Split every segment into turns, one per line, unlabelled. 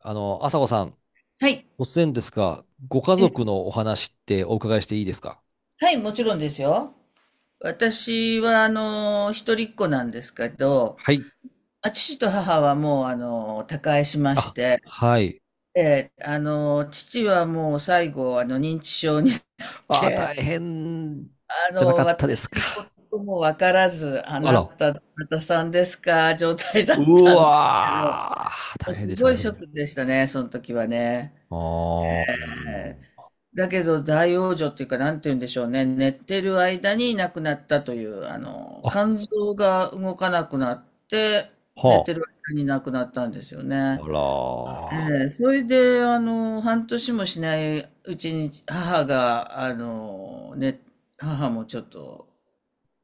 朝子さん、
はい。
突然ですが、ご家
え、
族のお話ってお伺いしていいですか？
はい、もちろんですよ。私は、一人っ子なんですけど、
はい。
あ、父と母はもう、他界しまし
あ、
て、
はい。
で父はもう最後、認知症になって、
大変じゃなかった
私
ですか。
のこともわからず、あ
あ
な
ら、
た、どなたさんですか、状態だ
う
ったんですけど、も
わー、大
う
変
す
でした
ごいショッ
ね。
クでしたね、その時はね。
あー、
だけど大往生っていうか、なんて言うんでしょうね。寝てる間に亡くなったという、
あ、
肝臓が動かなくなって、寝
は
てる間に亡くなったんですよ
あ、
ね。
あら
ええ、それで、半年もしないうちに母が、ね、母もちょっと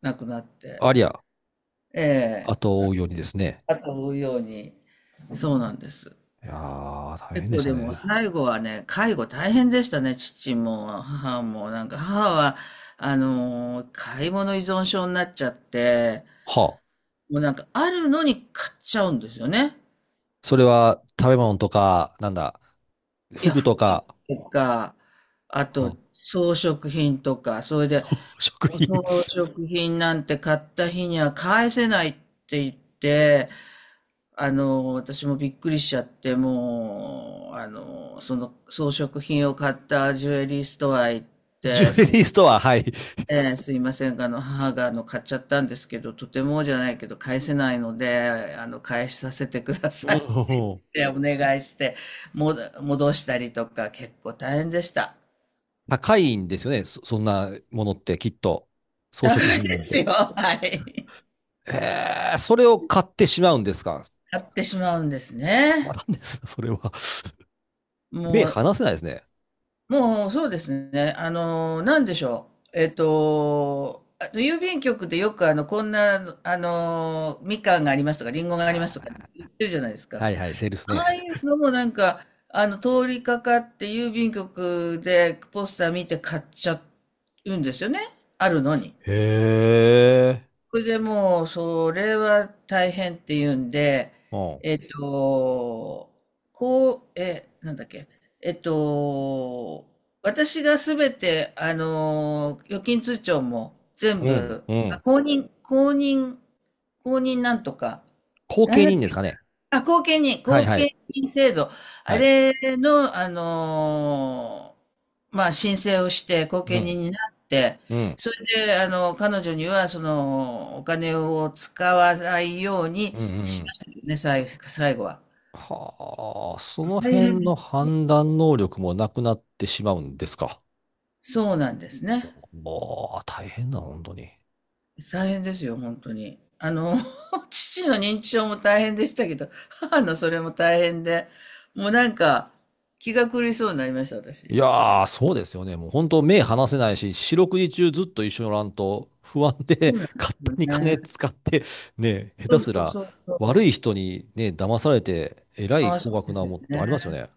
亡くなっ
ー、
て、
ありゃ、
ええ、
後を追うようにですね。
後を追うように、そうなんです。
いやー、大
結
変で
構
した
でも
ね。
最後はね、介護大変でしたね、父も母も。なんか母は、買い物依存症になっちゃって、
はあ、
もうなんかあるのに買っちゃうんですよね。
それは食べ物とか、なんだ、
いや、
服
服
とか、
とか、あ
は
と
あ、
装飾品とか、それで、
そう食品、
装飾品なんて買った日には返せないって言って、あの私もびっくりしちゃって、もう、あのその装飾品を買ったジュエリーストア行っ
ジ
て、
ュエ
すい
リーストア、はい。
ええ、すいませんが。あの、母が、買っちゃったんですけど、とてもじゃないけど、返せないので、返させてくだ
う
さいっ
ん、
てお願いして、戻したりとか、結構大変でした。
高いんですよね。そんなものってきっと。装
高
飾
い
品な
で
ん
す
で。
よ。はい。
それを買ってしまうんですか。
買ってしまうんです
ま
ね。
んですかそれは。目
もう、
離せないですね。
もう、そうですね。あの、なんでしょう。あの郵便局でよく、こんな、みかんがありますとか、りんごがあり
あ
ますとか
ー
言ってるじゃないですか。
はいはい、セールスね。
ああいうのもなんか、通りかかって郵便局でポスター見て買っちゃうんですよね。あるのに。
へえ。
それでもう、それは大変っていうんで、
うん。
えっと、こう、え、なんだっけ、えっと、私がすべて、預金通帳も全
うん。
部、
う
あ
ん。
公認、公認、公認なんとか、
後
なん
見
だっ
人ですかね。
あ、
はい
後
は
見
い。
人制度。あ
はい。
れの、まあ、申請をして、後
う
見
ん。
人になって、
うん。
それで、彼女には、その、お金を使わないよう
う
に
ん。うんう
し
ん、
ましたけどね、最後は。
はあ、その
大変
辺
で
の
すよ。
判断能力もなくなってしまうんですか。
そうなんですね。
もう、大変だ、本当に。
大変ですよ、本当に。あの、父の認知症も大変でしたけど、母のそれも大変で、もうなんか、気が狂いそうになりました、
い
私。
やー、そうですよね。もう本当目離せないし、四六時中ずっと一緒におらんと不安
そ
で
うなんで
勝
す
手
よ
に金
ね。
使って、ね、下
そ
手
う
す
そう
ら
そうそ
悪
う。
い人にね、騙されて、えら
あ
い
あ、
高
そう
額
で
な
すよ
もんって
ね。
ありますよね。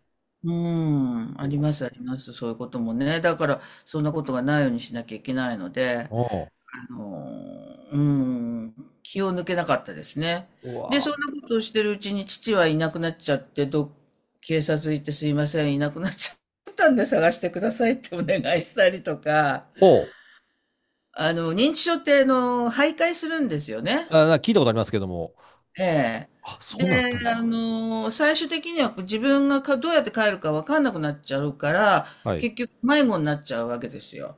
うん、ありますあります、そういうこともね。だから、そんなことがないようにしなきゃいけないので、
うわ、
あのー、うん、気を抜けなかったですね。
うん。う
で、そ
わ、
んなことをしてるうちに父はいなくなっちゃって、警察行ってすいません、いなくなっちゃったんで探してくださいってお願いしたりとか、
ほう。
認知症って、徘徊するんですよね。
あ、聞いたことありますけども。
ええ。
あ、そ
で、
んなんあったんですか。
最終的には自分がどうやって帰るかわかんなくなっちゃうから、
はい。
結局迷子になっちゃうわけですよ。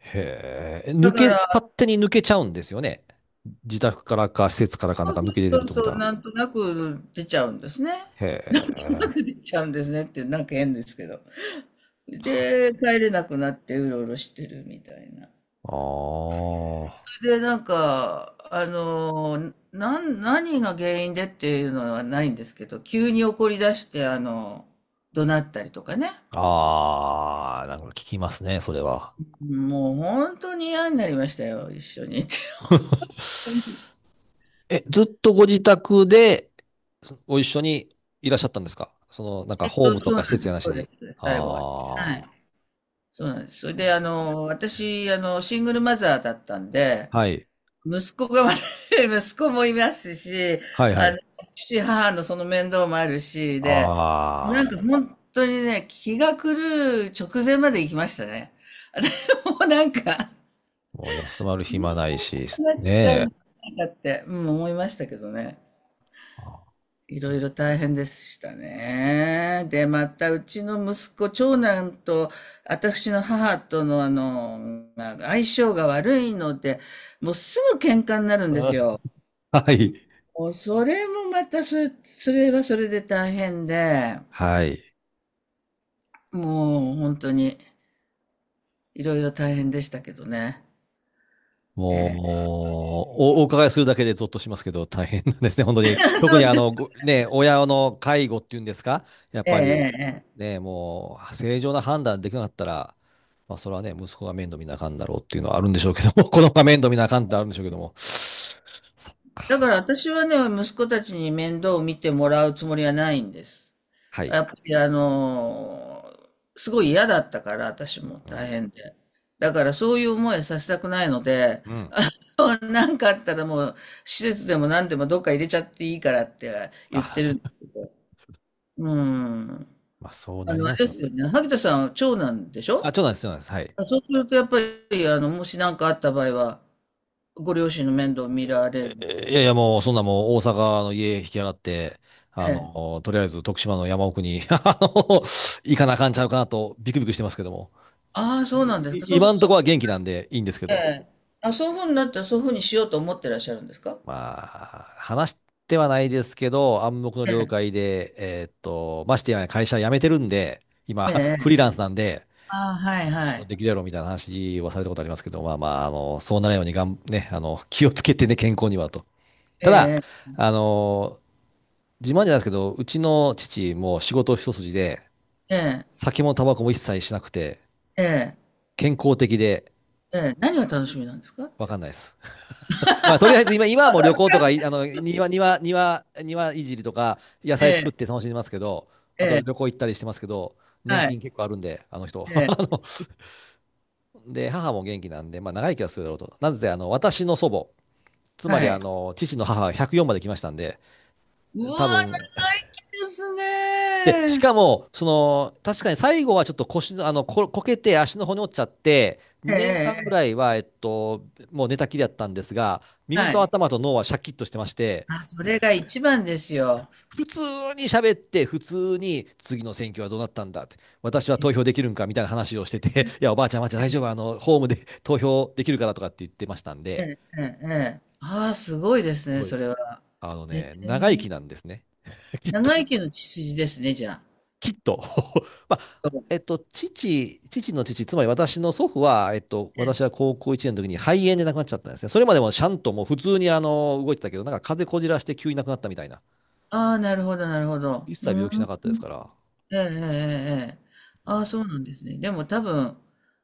へえ。
だから、
勝手に抜けちゃうんですよね。自宅からか施設からか
そ
なん
う
か
そ
抜け
う
出てる
そう
と見
そ
た
う、
ら。
なんとなく出ちゃうんですね。
へ
なんとな
え。
く出ちゃうんですねって、なんか変ですけど。
は
で、
い。
帰れなくなってうろうろしてるみたいな。
ああ。
で、なんか、何が原因でっていうのはないんですけど、急に怒り出して、怒鳴ったりとかね。
ああ、なんか聞きますね、それは。
もう本当に嫌になりましたよ、一緒にいて。
え、ずっとご自宅でご一緒にいらっしゃったんですか？なんかホームと
そう
か施
なん
設
で
やな
す、
し
そうで
に。
す、最後は。は
あ
い。
あ。
そうなんです。それで、私、シングルマザーだったんで、
はい。
息子がま 息子もいますし、
はいは
あの、
い。
父、母のその面倒もあるし、で、もう
あ
なんか
あ。
本当にね、気が狂う直前まで行きましたね。でもうなんか、
もう休まる
ど
暇ないし、
うなっちゃ
ね
う ん
え。
だって、うん、思いましたけどね。
あ
い
ー、
ろい
う
ろ大変でしたね。で、また、うちの息子、長男と、私の母との、相性が悪いので、もうすぐ喧嘩になるんで
ん。
すよ。
はい。
もうそれもまたそれ、それはそれで大変で、
はい。
もう本当にいろいろ大変でしたけどね。え
もう、お伺いするだけでゾッとしますけど、大変なんですね、本当に。特に親の介護っていうんですか、やっ
え、え
ぱり、
え、ええ。
ね、もう、正常な判断できなかったら、まあ、それはね、息子が面倒見なあかんだろうっていうのはあるんでしょうけども、子供が面倒見なあかんってあるんでしょうけども。そっか。
だから私はね、息子たちに面倒を見てもらうつもりはないんです。
はい。
やっぱりーすごい嫌だったから、私も
う
大
ん。
変で。だからそういう思いさせたくないので、
うん。
なんかあったらもう施設でも何でもどっか入れちゃっていいからって言ってる
あ、
んですけど。うん。
まあ、そう
あ
なり
の、あ
ま
れ
す
で
よ
す
ね。
よね。萩田さんは長男でしょ。
あ、ちょっとです、そうなんです。はい。
そうするとやっぱり、もし何かあった場合は、ご両親の面倒を見られる。
いやいや、もう、そんなもう、大阪の家引き払って、
ええ。
とりあえず徳島の山奥に、行かなあかんちゃうかなと、ビクビクしてますけども。
ああ、そうなんですか。
今ん
そ
と
う、
こは元気なんでいいんですけ
え
ど。
え。あ、そういうふうになったらそういうふうにしようと思ってらっしゃるんですか。
まあ、話してはないですけど、暗黙の了解で、ましてや会社辞めてるんで、今、
え
フリー
え。
ランスなんで、
ああ、はいは
仕事
い。
できるやろみたいな話はされたことありますけど、まあまあ、そうならないようにね、気をつけてね、健康にはと。
え
ただ、
え、
あの自慢じゃないですけど、うちの父も仕事一筋で、
ええ、
酒もタバコも一切しなくて、
ええ、
健康的で、
ええ、何が楽しみなんですか
わ
じゃ
か
あ。
んないです。まあ、とりあえず今はもう旅行とか、庭いじりとか、野
え
菜作っ
え、
て楽しんでますけど、
え
あと旅
え、
行行ったりしてますけど、年
はい、
金結構あるんで、あの人。
ええ、
ので、母も元気なんで、まあ、長生きはするだろうと。なぜ、私の祖母、つま
は
り、
い。
父の母は104まで来ましたんで、
うわ、長
多分、
生きです
で、し
ね。
かも、確かに最後はちょっと腰の、こけて足の骨折っちゃって、
ええ、
2年間ぐ
え
ら
え、
いは、もう寝たきりだったんですが、耳
は
と
い。
頭と脳はシャキッとしてまして、
あ、それが一番ですよ。
普通に喋って、普通に、次の選挙はどうなったんだって、私は
え
投票できるんかみたいな話をしてて、いや、おばあちゃん、おばあちゃん、大丈夫、ホームで投票できるからとかって言ってましたん
え、
で、
ええ、ええ。ああ、すごいです
す
ね、
ご
そ
い、
れは。
あの
え
ね、長生き
え、
なんですね。きっ
長生きの血筋ですね、じゃあ。
きっと。まあ、父の父、つまり私の祖父は、
え
私は
え、
高校1年の時に肺炎で亡くなっちゃったんですね。それまでもちゃんともう普通に動いてたけど、なんか風邪こじらして急に亡くなったみたいな。
ああ、なるほど、なるほど。
一切
う
病気しな
ん。
かったですから。
ええええええ。
ま
ああ、
あ、
そうなんですね。でも多分、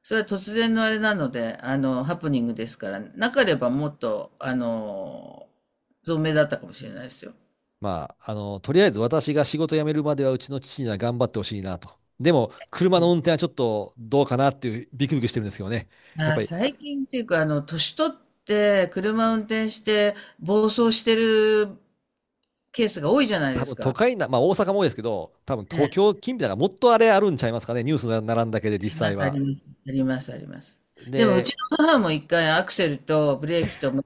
それは突然のあれなので、ハプニングですから、な
そ
け
う
ればもっと、あの、存命だったかもしれないですよ。
とりあえず私が仕事辞めるまではうちの父には頑張ってほしいなと。でも、車の運転はちょっとどうかなっていうビクビクしてるんですけどね。やっ
まあ、
ぱり、
最近っていうか、年取って車運転して暴走してるケースが多いじゃない
多
です
分都
か。
会な、まあ大阪も多いですけど、多分
ええ、あ
東京近辺だからもっとあれあるんちゃいますかね。ニュースに並んだけで実
りま
際
す、あ
は。
ります、あります、あります。でも、うち
で、
の母も一回アクセルとブレーキと、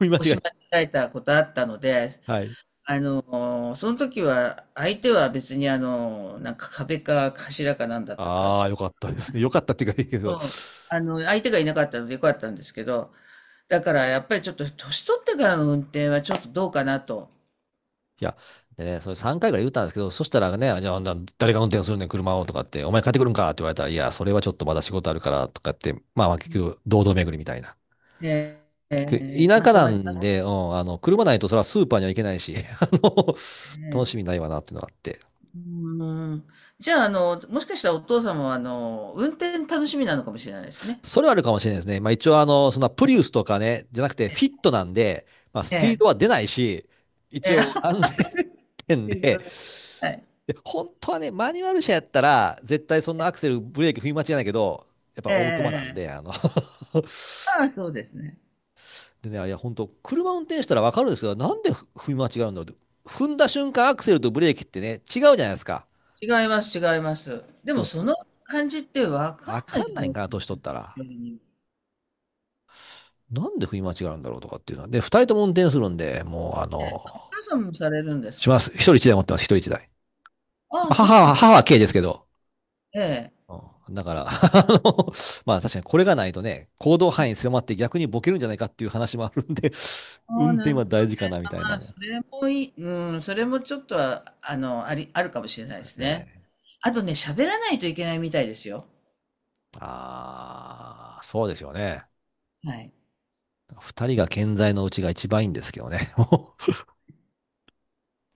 踏み間
押し
違い。
間違えたことあったので、
はい。
その時は、相手は別にあの、なんか壁か柱かなんだったか、
ああ、よかったですね。よかったっていうかいいけ
う
ど。
ん、相手がいなかったのでよかったんですけど、だからやっぱりちょっと年取ってからの運転はちょっとどうかなと。
いや、でね、それ3回ぐらい言ったんですけど、そしたらね、じゃあ、あんな誰が運転するねん、車をとかって、お前帰ってくるんかって言われたら、いや、それはちょっとまだ仕事あるからとかって、まあまあ、結局、堂々巡りみたいな。
えー
結
えー
局、
まあ
田舎
そう
な
なりま
ん
す
で、うん、車ないとそれはスーパーには行けないし、楽
ね。
しみないわなっていうのがあって。
うん。じゃあ、もしかしたらお父様は、運転楽しみなのかもしれないですね。
それはあるかもしれないですね。まあ一応そんなプリウスとかね、じゃなくてフィットなんで、まあス
え
ピード
え。
は出ないし、
え
一応安全点
え。
で、
はい。
で、本当はね、マニュアル車やったら、絶対そんなアクセル、ブレーキ踏み間違いないけど、やっぱ
えええ
オートマなん
えええ。
で、
ああ、そうですね。
でね、いや、本当車運転したらわかるんですけど、なんで踏み間違うんだろうって。踏んだ瞬間、アクセルとブレーキってね、違うじゃないですか。
違います違います。で
で
も
も、
その感じってわかん
わ
な
か
いじ
ん
ゃ
な
な
いん
い
か
です
な、
か、
年取っ
年
たら。
寄りに。
なんで振り間違うんだろうとかっていうのは。で、二人とも運転するんで、もう、
ええ、お母さんもされるんです
しま
か？
す。一人一台持ってます、一人一台。
ああ、
母
そうな
は、
ん
母は軽ですけど。
ええ。
うんだから、まあ確かにこれがないとね、行動範囲狭まって逆にボケるんじゃないかっていう話もあるんで、
ああ、
運
な
転
るほ
は
ど
大
ね。
事かなみたいな。
まあ、
で
それもいいそれもちょっとは、あるかもしれないです
す
ね。
ね。
あとね、喋らないといけないみたいですよ。
ああ、そうですよね。
はい。
二人が健在のうちが一番いいんですけどね。もう